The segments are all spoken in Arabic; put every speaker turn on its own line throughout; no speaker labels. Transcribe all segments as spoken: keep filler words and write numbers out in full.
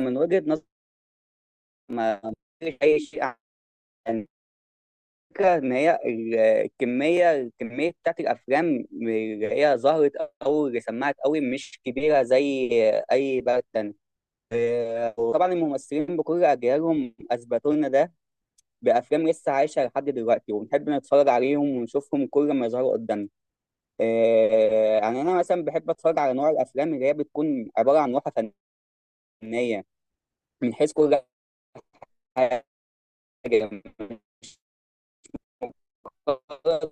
من وجهة نظري ما فيش أي شيء عن الفكرة إن هي ال- الكمية الكمية بتاعت الأفلام اللي هي ظهرت أو اللي سمعت أوي مش كبيرة زي أي بلد تاني. وطبعا الممثلين بكل أجيالهم أثبتوا لنا ده بأفلام لسه عايشة لحد دلوقتي، وبنحب نتفرج عليهم ونشوفهم كل ما يظهروا قدامنا. آه، يعني أنا مثلا بحب أتفرج على نوع الأفلام اللي هي بتكون عبارة عن لوحة فنية من حيث كل حاجة،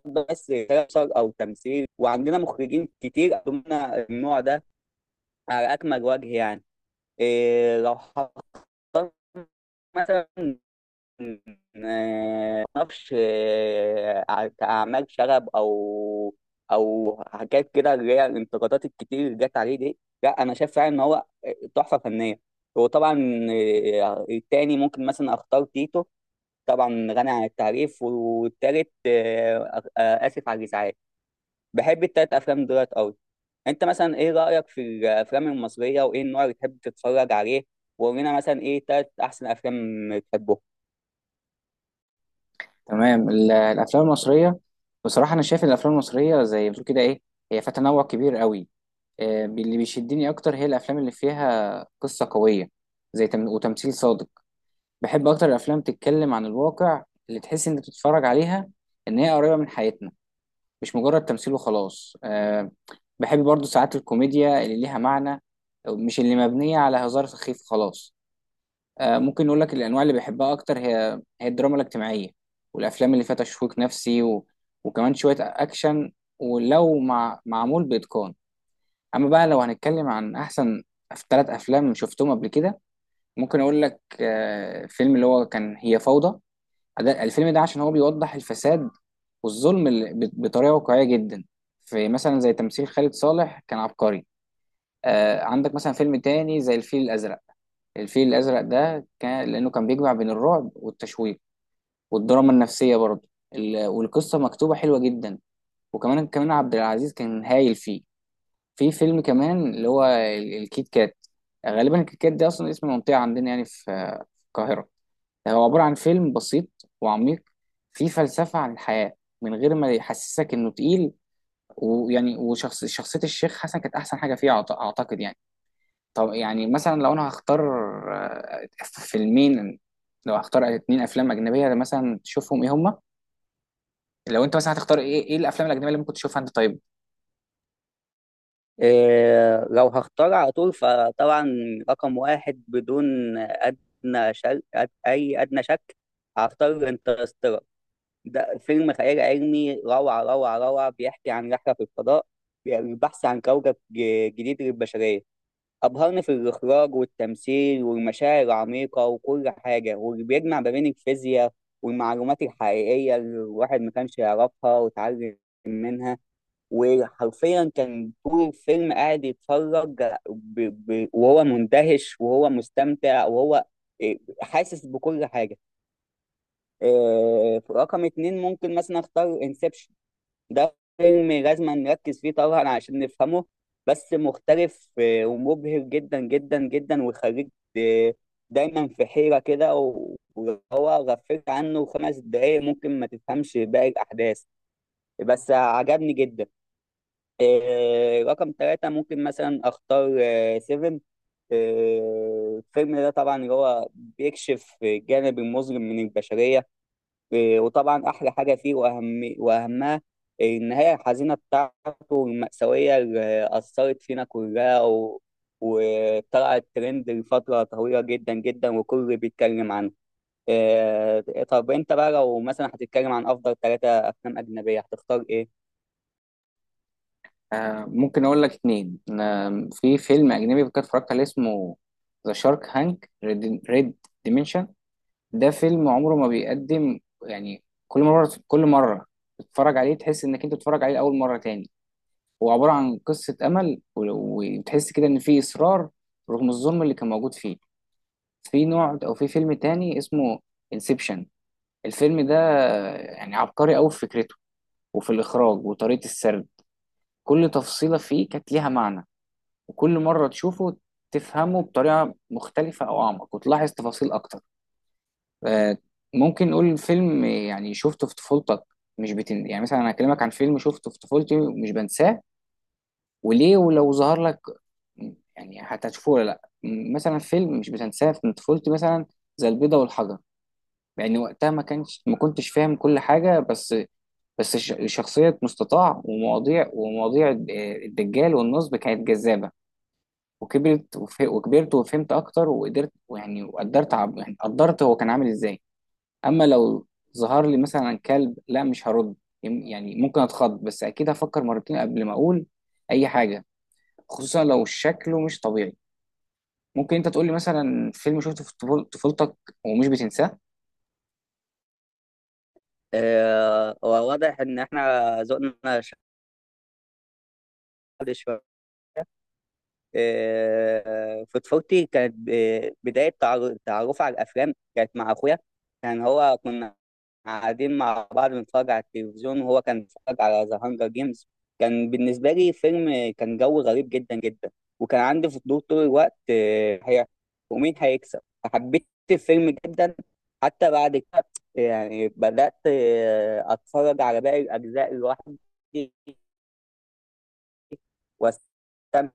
بس بشر او تمثيل، وعندنا مخرجين كتير قدموا لنا النوع ده على اكمل وجه يعني. إيه لو حطيت مثلا، آه، معرفش، آه، ع- كأعمال شغب أو أو حاجات كده، اللي هي الانتقادات الكتير اللي جت عليه دي، لا أنا شايف فعلا إن هو تحفة فنية. وطبعا آه، التاني ممكن مثلا أختار تيتو، طبعا غني عن التعريف. والتالت آه، آه، آسف على الإزعاج، بحب التلات افلام دولت قوي. انت مثلا ايه رايك في الافلام المصريه، وايه النوع اللي تحب تتفرج عليه؟ وقولنا مثلا ايه تلات احسن افلام بتحبه.
تمام. ال- الافلام المصريه، بصراحه انا شايف ان الافلام المصريه زي ما بتقول كده ايه، هي فيها تنوع كبير قوي. آه، اللي بيشدني اكتر هي الافلام اللي فيها قصه قويه، زي تم... وتمثيل صادق. بحب اكتر الافلام تتكلم عن الواقع، اللي تحس انت بتتفرج عليها ان هي قريبه من حياتنا، مش مجرد تمثيل وخلاص. آه، بحب برضو ساعات الكوميديا اللي ليها معنى، مش اللي مبنيه على هزار سخيف خلاص. آه، ممكن نقول لك الانواع اللي بيحبها اكتر، هي هي الدراما الاجتماعيه، والافلام اللي فيها تشويق نفسي و... وكمان شويه اكشن، ولو مع... معمول باتقان. اما بقى لو هنتكلم عن احسن ثلاث افلام شفتهم قبل كده، ممكن اقول لك آه، فيلم اللي هو كان هي فوضى. ده- الفيلم ده عشان هو بيوضح الفساد والظلم ال- ب- بطريقه واقعيه جدا. في مثلا زي تمثيل خالد صالح كان عبقري. آه، عندك مثلا فيلم تاني زي الفيل الازرق. الفيل الازرق ده كان لانه كان بيجمع بين الرعب والتشويق والدراما النفسيه برضه، ال- والقصه مكتوبه حلوه جدا. وكمان كمان عبد العزيز كان هايل فيه. في فيلم كمان اللي هو ال- الكيت كات. غالبا الكيت كات ده اصلا اسم منطقه عندنا، يعني في في القاهره. هو عباره عن فيلم بسيط وعميق، فيه فلسفه عن الحياه من غير ما يحسسك انه تقيل. ويعني وشخص شخصيه الشيخ حسن كانت احسن حاجه فيه، أعت- اعتقد يعني. طب يعني مثلا لو انا هختار آه، فيلمين، لو هختار اتنين افلام اجنبيه مثلا تشوفهم ايه هما؟ لو انت مثلا هتختار، ايه ايه الافلام الاجنبيه اللي ممكن تشوفها انت؟ طيب.
إيه، لو هختار على طول فطبعا رقم واحد بدون ادنى شك، أد... اي ادنى شك، هختار انترستيلر. ده فيلم خيال علمي، روعه روعه روعه. بيحكي عن رحله في الفضاء، بي- البحث عن كوكب ج- جديد للبشريه. أبهرني في الإخراج والتمثيل والمشاعر العميقة وكل حاجة، واللي بيجمع ما بين الفيزياء والمعلومات الحقيقية اللي الواحد ما كانش يعرفها وتعلم منها. وحرفيا كان طول الفيلم قاعد يتفرج، ب... ب... وهو مندهش وهو مستمتع وهو إيه، حاسس بكل حاجة. آه، رقم اتنين ممكن مثلا اختار انسبشن. ده فيلم لازم نركز فيه طبعا عشان نفهمه، بس مختلف آه، ومبهر جدا جدا جدا، ويخليك د- دايما في حيرة كده، و- وهو غفلت عنه خمس دقايق ممكن ما تفهمش باقي الأحداث، بس عجبني جدا. آه، رقم ثلاثة ممكن مثلا أختار آه، سيفن. آه، الفيلم ده طبعا اللي هو بيكشف الجانب المظلم من البشرية. إيه، وطبعا احلى حاجه فيه واهم واهمها النهايه الحزينه بتاعته المأساويه اللي اثرت فينا كلها و... وطلعت ترند لفتره طويله جدا جدا وكل بيتكلم عنه. إيه، طب انت بقى لو مثلا هتتكلم عن افضل ثلاثه افلام اجنبيه هتختار ايه؟
آه ممكن اقول لك اتنين. آه في فيلم اجنبي كنت اتفرجت عليه، اسمه ذا شارك هانك ريد ديمنشن. ده فيلم عمره ما بيقدم، يعني كل مره كل مره تتفرج عليه تحس انك انت بتتفرج عليه لاول مره تاني. هو عباره عن قصه امل و- وتحس كده ان في اصرار رغم الظلم اللي كان موجود فيه. في نوع او في فيلم تاني اسمه انسبشن. الفيلم ده يعني عبقري قوي في فكرته، وفي الاخراج وطريقه السرد. كل تفصيله فيه كانت ليها معنى، وكل مره تشوفه تفهمه بطريقه مختلفه او اعمق، وتلاحظ تفاصيل اكتر. آه، ممكن نقول الفيلم يعني شفته في طفولتك. مش بتن... يعني مثلا انا هكلمك عن فيلم شفته في طفولتي مش بنساه، وليه؟ ولو ظهر لك يعني هتشوفه ولا لا؟ مثلا فيلم مش بتنساه من طفولتي مثلا زي البيضة والحجر، لان وقتها ما كانش ما كنتش فاهم كل حاجه. بس بس ش- شخصيه مستطاع ومواضيع ومواضيع الد- الدجال والنصب كانت جذابه. وكبرت وف- وكبرت وفهمت اكتر، وقدرت، ويعني وقدرت عب- يعني قدرت هو كان عامل ازاي. اما لو ظهر لي مثلا كلب، لا مش هرد. يم- يعني ممكن اتخض، بس اكيد هفكر مرتين قبل ما اقول اي حاجه، خصوصا لو شكله مش طبيعي. ممكن انت تقول لي مثلا فيلم شفته في طفول- طفولتك ومش بتنساه؟
إيه، هو واضح ان احنا ذوقنا شاذ شويه. في طفولتي كانت ب- بداية تعر- تعرفي على الأفلام كانت مع أخويا. كان هو، كنا قاعدين مع بعض بنتفرج على التلفزيون وهو كان بيتفرج على ذا هانجر جيمز. كان بالنسبة لي فيلم كان جو غريب جدا جدا، وكان عندي فضول طول الوقت، آه، هي ومين هيكسب، فحبيت الفيلم جدا. حتى بعد كده يعني بدأت آه، أتفرج على باقي الأجزاء لوحدي واستمتع.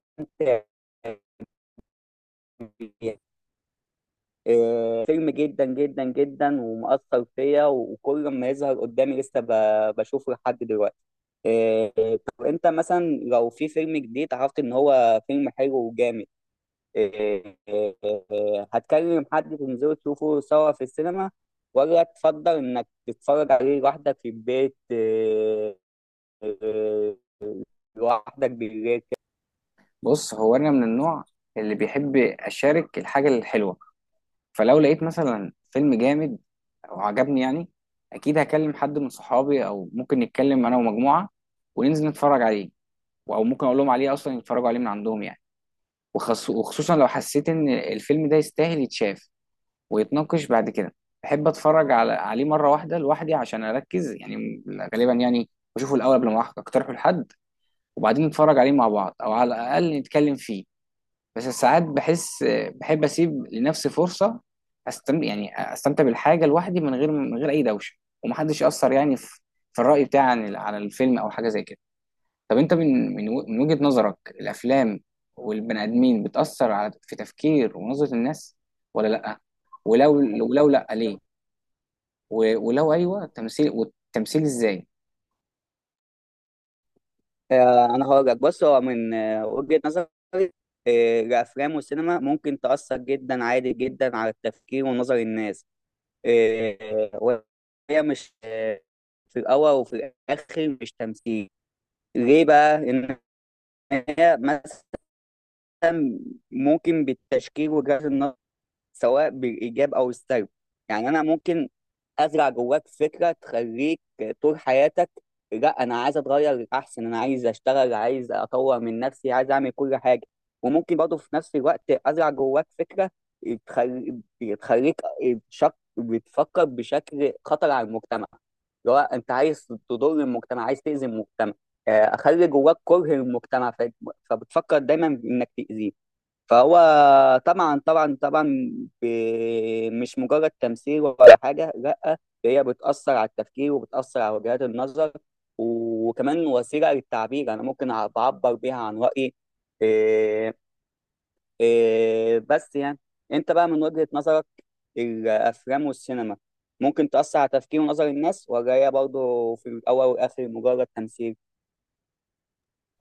آه، فيلم جدا جدا جدا ومؤثر فيا، وكل ما يظهر قدامي لسه ب- بشوفه لحد دلوقتي. آه، طب انت مثلا لو في فيلم جديد عرفت ان هو فيلم حلو وجامد، آه، آه، آه، هتكلم حد تنزلوا تشوفوا سوا في السينما، ولا تفضل انك تتفرج عليه لوحدك في البيت؟ آه، آه، لوحدك بالليل
بص، هو انا من النوع اللي بيحب اشارك الحاجه الحلوه. فلو لقيت مثلا فيلم جامد او عجبني يعني، اكيد هكلم حد من صحابي، او ممكن نتكلم انا ومجموعه وننزل نتفرج عليه. او ممكن اقول لهم عليه اصلا يتفرجوا عليه من عندهم يعني. وخص- وخصوصا لو حسيت ان الفيلم ده يستاهل يتشاف ويتناقش بعد كده. بحب اتفرج على عليه مره واحده لوحدي عشان اركز يعني، غالبا يعني بشوفه الاول قبل ما اقترحه لحد، وبعدين نتفرج عليه مع بعض، او على الاقل نتكلم فيه. بس ساعات بحس، بحب اسيب لنفسي فرصه استمتع، يعني استمتع بالحاجه لوحدي، من غير من غير اي دوشه، ومحدش ياثر يعني في في الراي بتاعي عن ال- عن الفيلم او حاجه زي كده. طب انت من من و- من وجهه نظرك، الافلام والبني ادمين بتاثر على في تفكير ونظره الناس ولا لا؟ ولو ولو لا، ليه؟
كده؟
و- ولو ايوه، التمثيل والتمثيل ازاي؟
آه، انا هقول لك. بص هو من آه، وجهة نظري، آه، الافلام والسينما ممكن تاثر جدا عادي جدا على التفكير ونظر الناس. آه، وهي مش آه، في الاول وفي الاخر مش تمثيل. ليه بقى؟ ان هي مثلا ممكن بالتشكيل وجهات النظر، سواء بالإيجاب أو السلب. يعني أنا ممكن أزرع جواك فكرة تخليك طول حياتك، لا أنا عايز أتغير للأحسن، أنا عايز أشتغل، عايز أطور من نفسي، عايز أعمل كل حاجة. وممكن برضه في نفس الوقت أزرع جواك فكرة تخلي- تخليك شك... بتفكر بشكل خطر على المجتمع، اللي هو انت عايز تضر المجتمع، عايز تأذي المجتمع. آه، اخلي جواك كره المجتمع، ف- فبتفكر دايما انك تأذيه. فهو طبعا طبعا طبعا، ب- مش مجرد تمثيل ولا حاجة، لا. هي بتأثر على التفكير، وبتأثر على وجهات النظر، وكمان وسيلة للتعبير، أنا ممكن أع- بعبر بيها عن رأيي. إيه. إيه، بس يعني أنت بقى من وجهة نظرك، الأفلام والسينما ممكن تأثر على تفكير ونظر الناس، ولا هي برضه في الأول والآخر مجرد تمثيل؟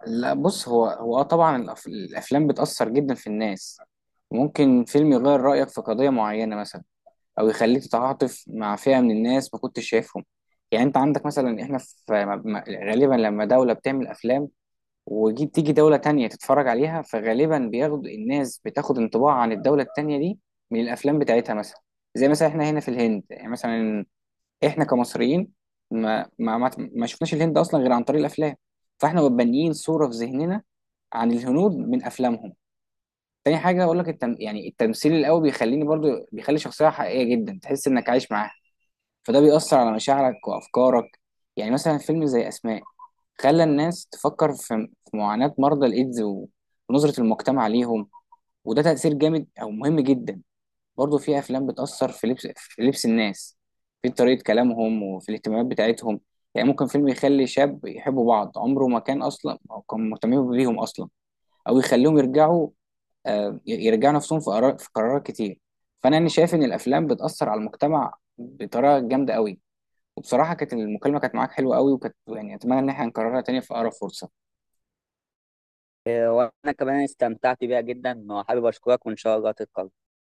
لا بص، هو هو اه طبعا الأف- الافلام بتاثر جدا في الناس. ممكن فيلم يغير رايك في قضيه معينه مثلا، او يخليك تتعاطف مع فئه من الناس ما كنتش شايفهم. يعني انت عندك مثلا احنا في م- م- غالبا لما دوله بتعمل افلام، وتيجي تيجي دوله تانية تتفرج عليها، فغالبا بياخد الناس بتاخد انطباع عن الدوله التانية دي من الافلام بتاعتها مثلا. زي مثلا احنا هنا في الهند، يعني مثلا احنا كمصريين ما ما ما ما شفناش الهند اصلا غير عن طريق الافلام. فاحنا بنيين صوره في ذهننا عن الهنود من افلامهم. تاني حاجه اقول لك، التم... يعني التمثيل القوي بيخليني برضو، بيخلي شخصيه حقيقيه جدا تحس انك عايش معاها، فده بيأثر على مشاعرك وأفكارك. يعني مثلا فيلم زي أسماء خلى الناس تفكر في في معاناة مرضى الإيدز و- ونظرة المجتمع ليهم. وده تأثير جامد أو مهم جدا. برضه في أفلام بتأثر في لبس في لبس الناس، في طريقة كلامهم، وفي الاهتمامات بتاعتهم. يعني ممكن فيلم يخلي شاب يحبوا بعض عمره ما كان أصلا، أو كان مهتمين بيهم أصلا. أو يخليهم يرجعوا آه، يرجعوا نفسهم في قرار- في قرارات كتير. فأنا يعني شايف إن الأفلام بتأثر على المجتمع بطريقة جامدة قوي. وبصراحة كانت المكالمة كانت معاك حلوة قوي، وكانت يعني أتمنى إن احنا نكررها تاني في أقرب فرصة.
إيه، وأنا كمان استمتعت بيها جدا، وحابب أشكرك، وإن شاء الله تتكرر.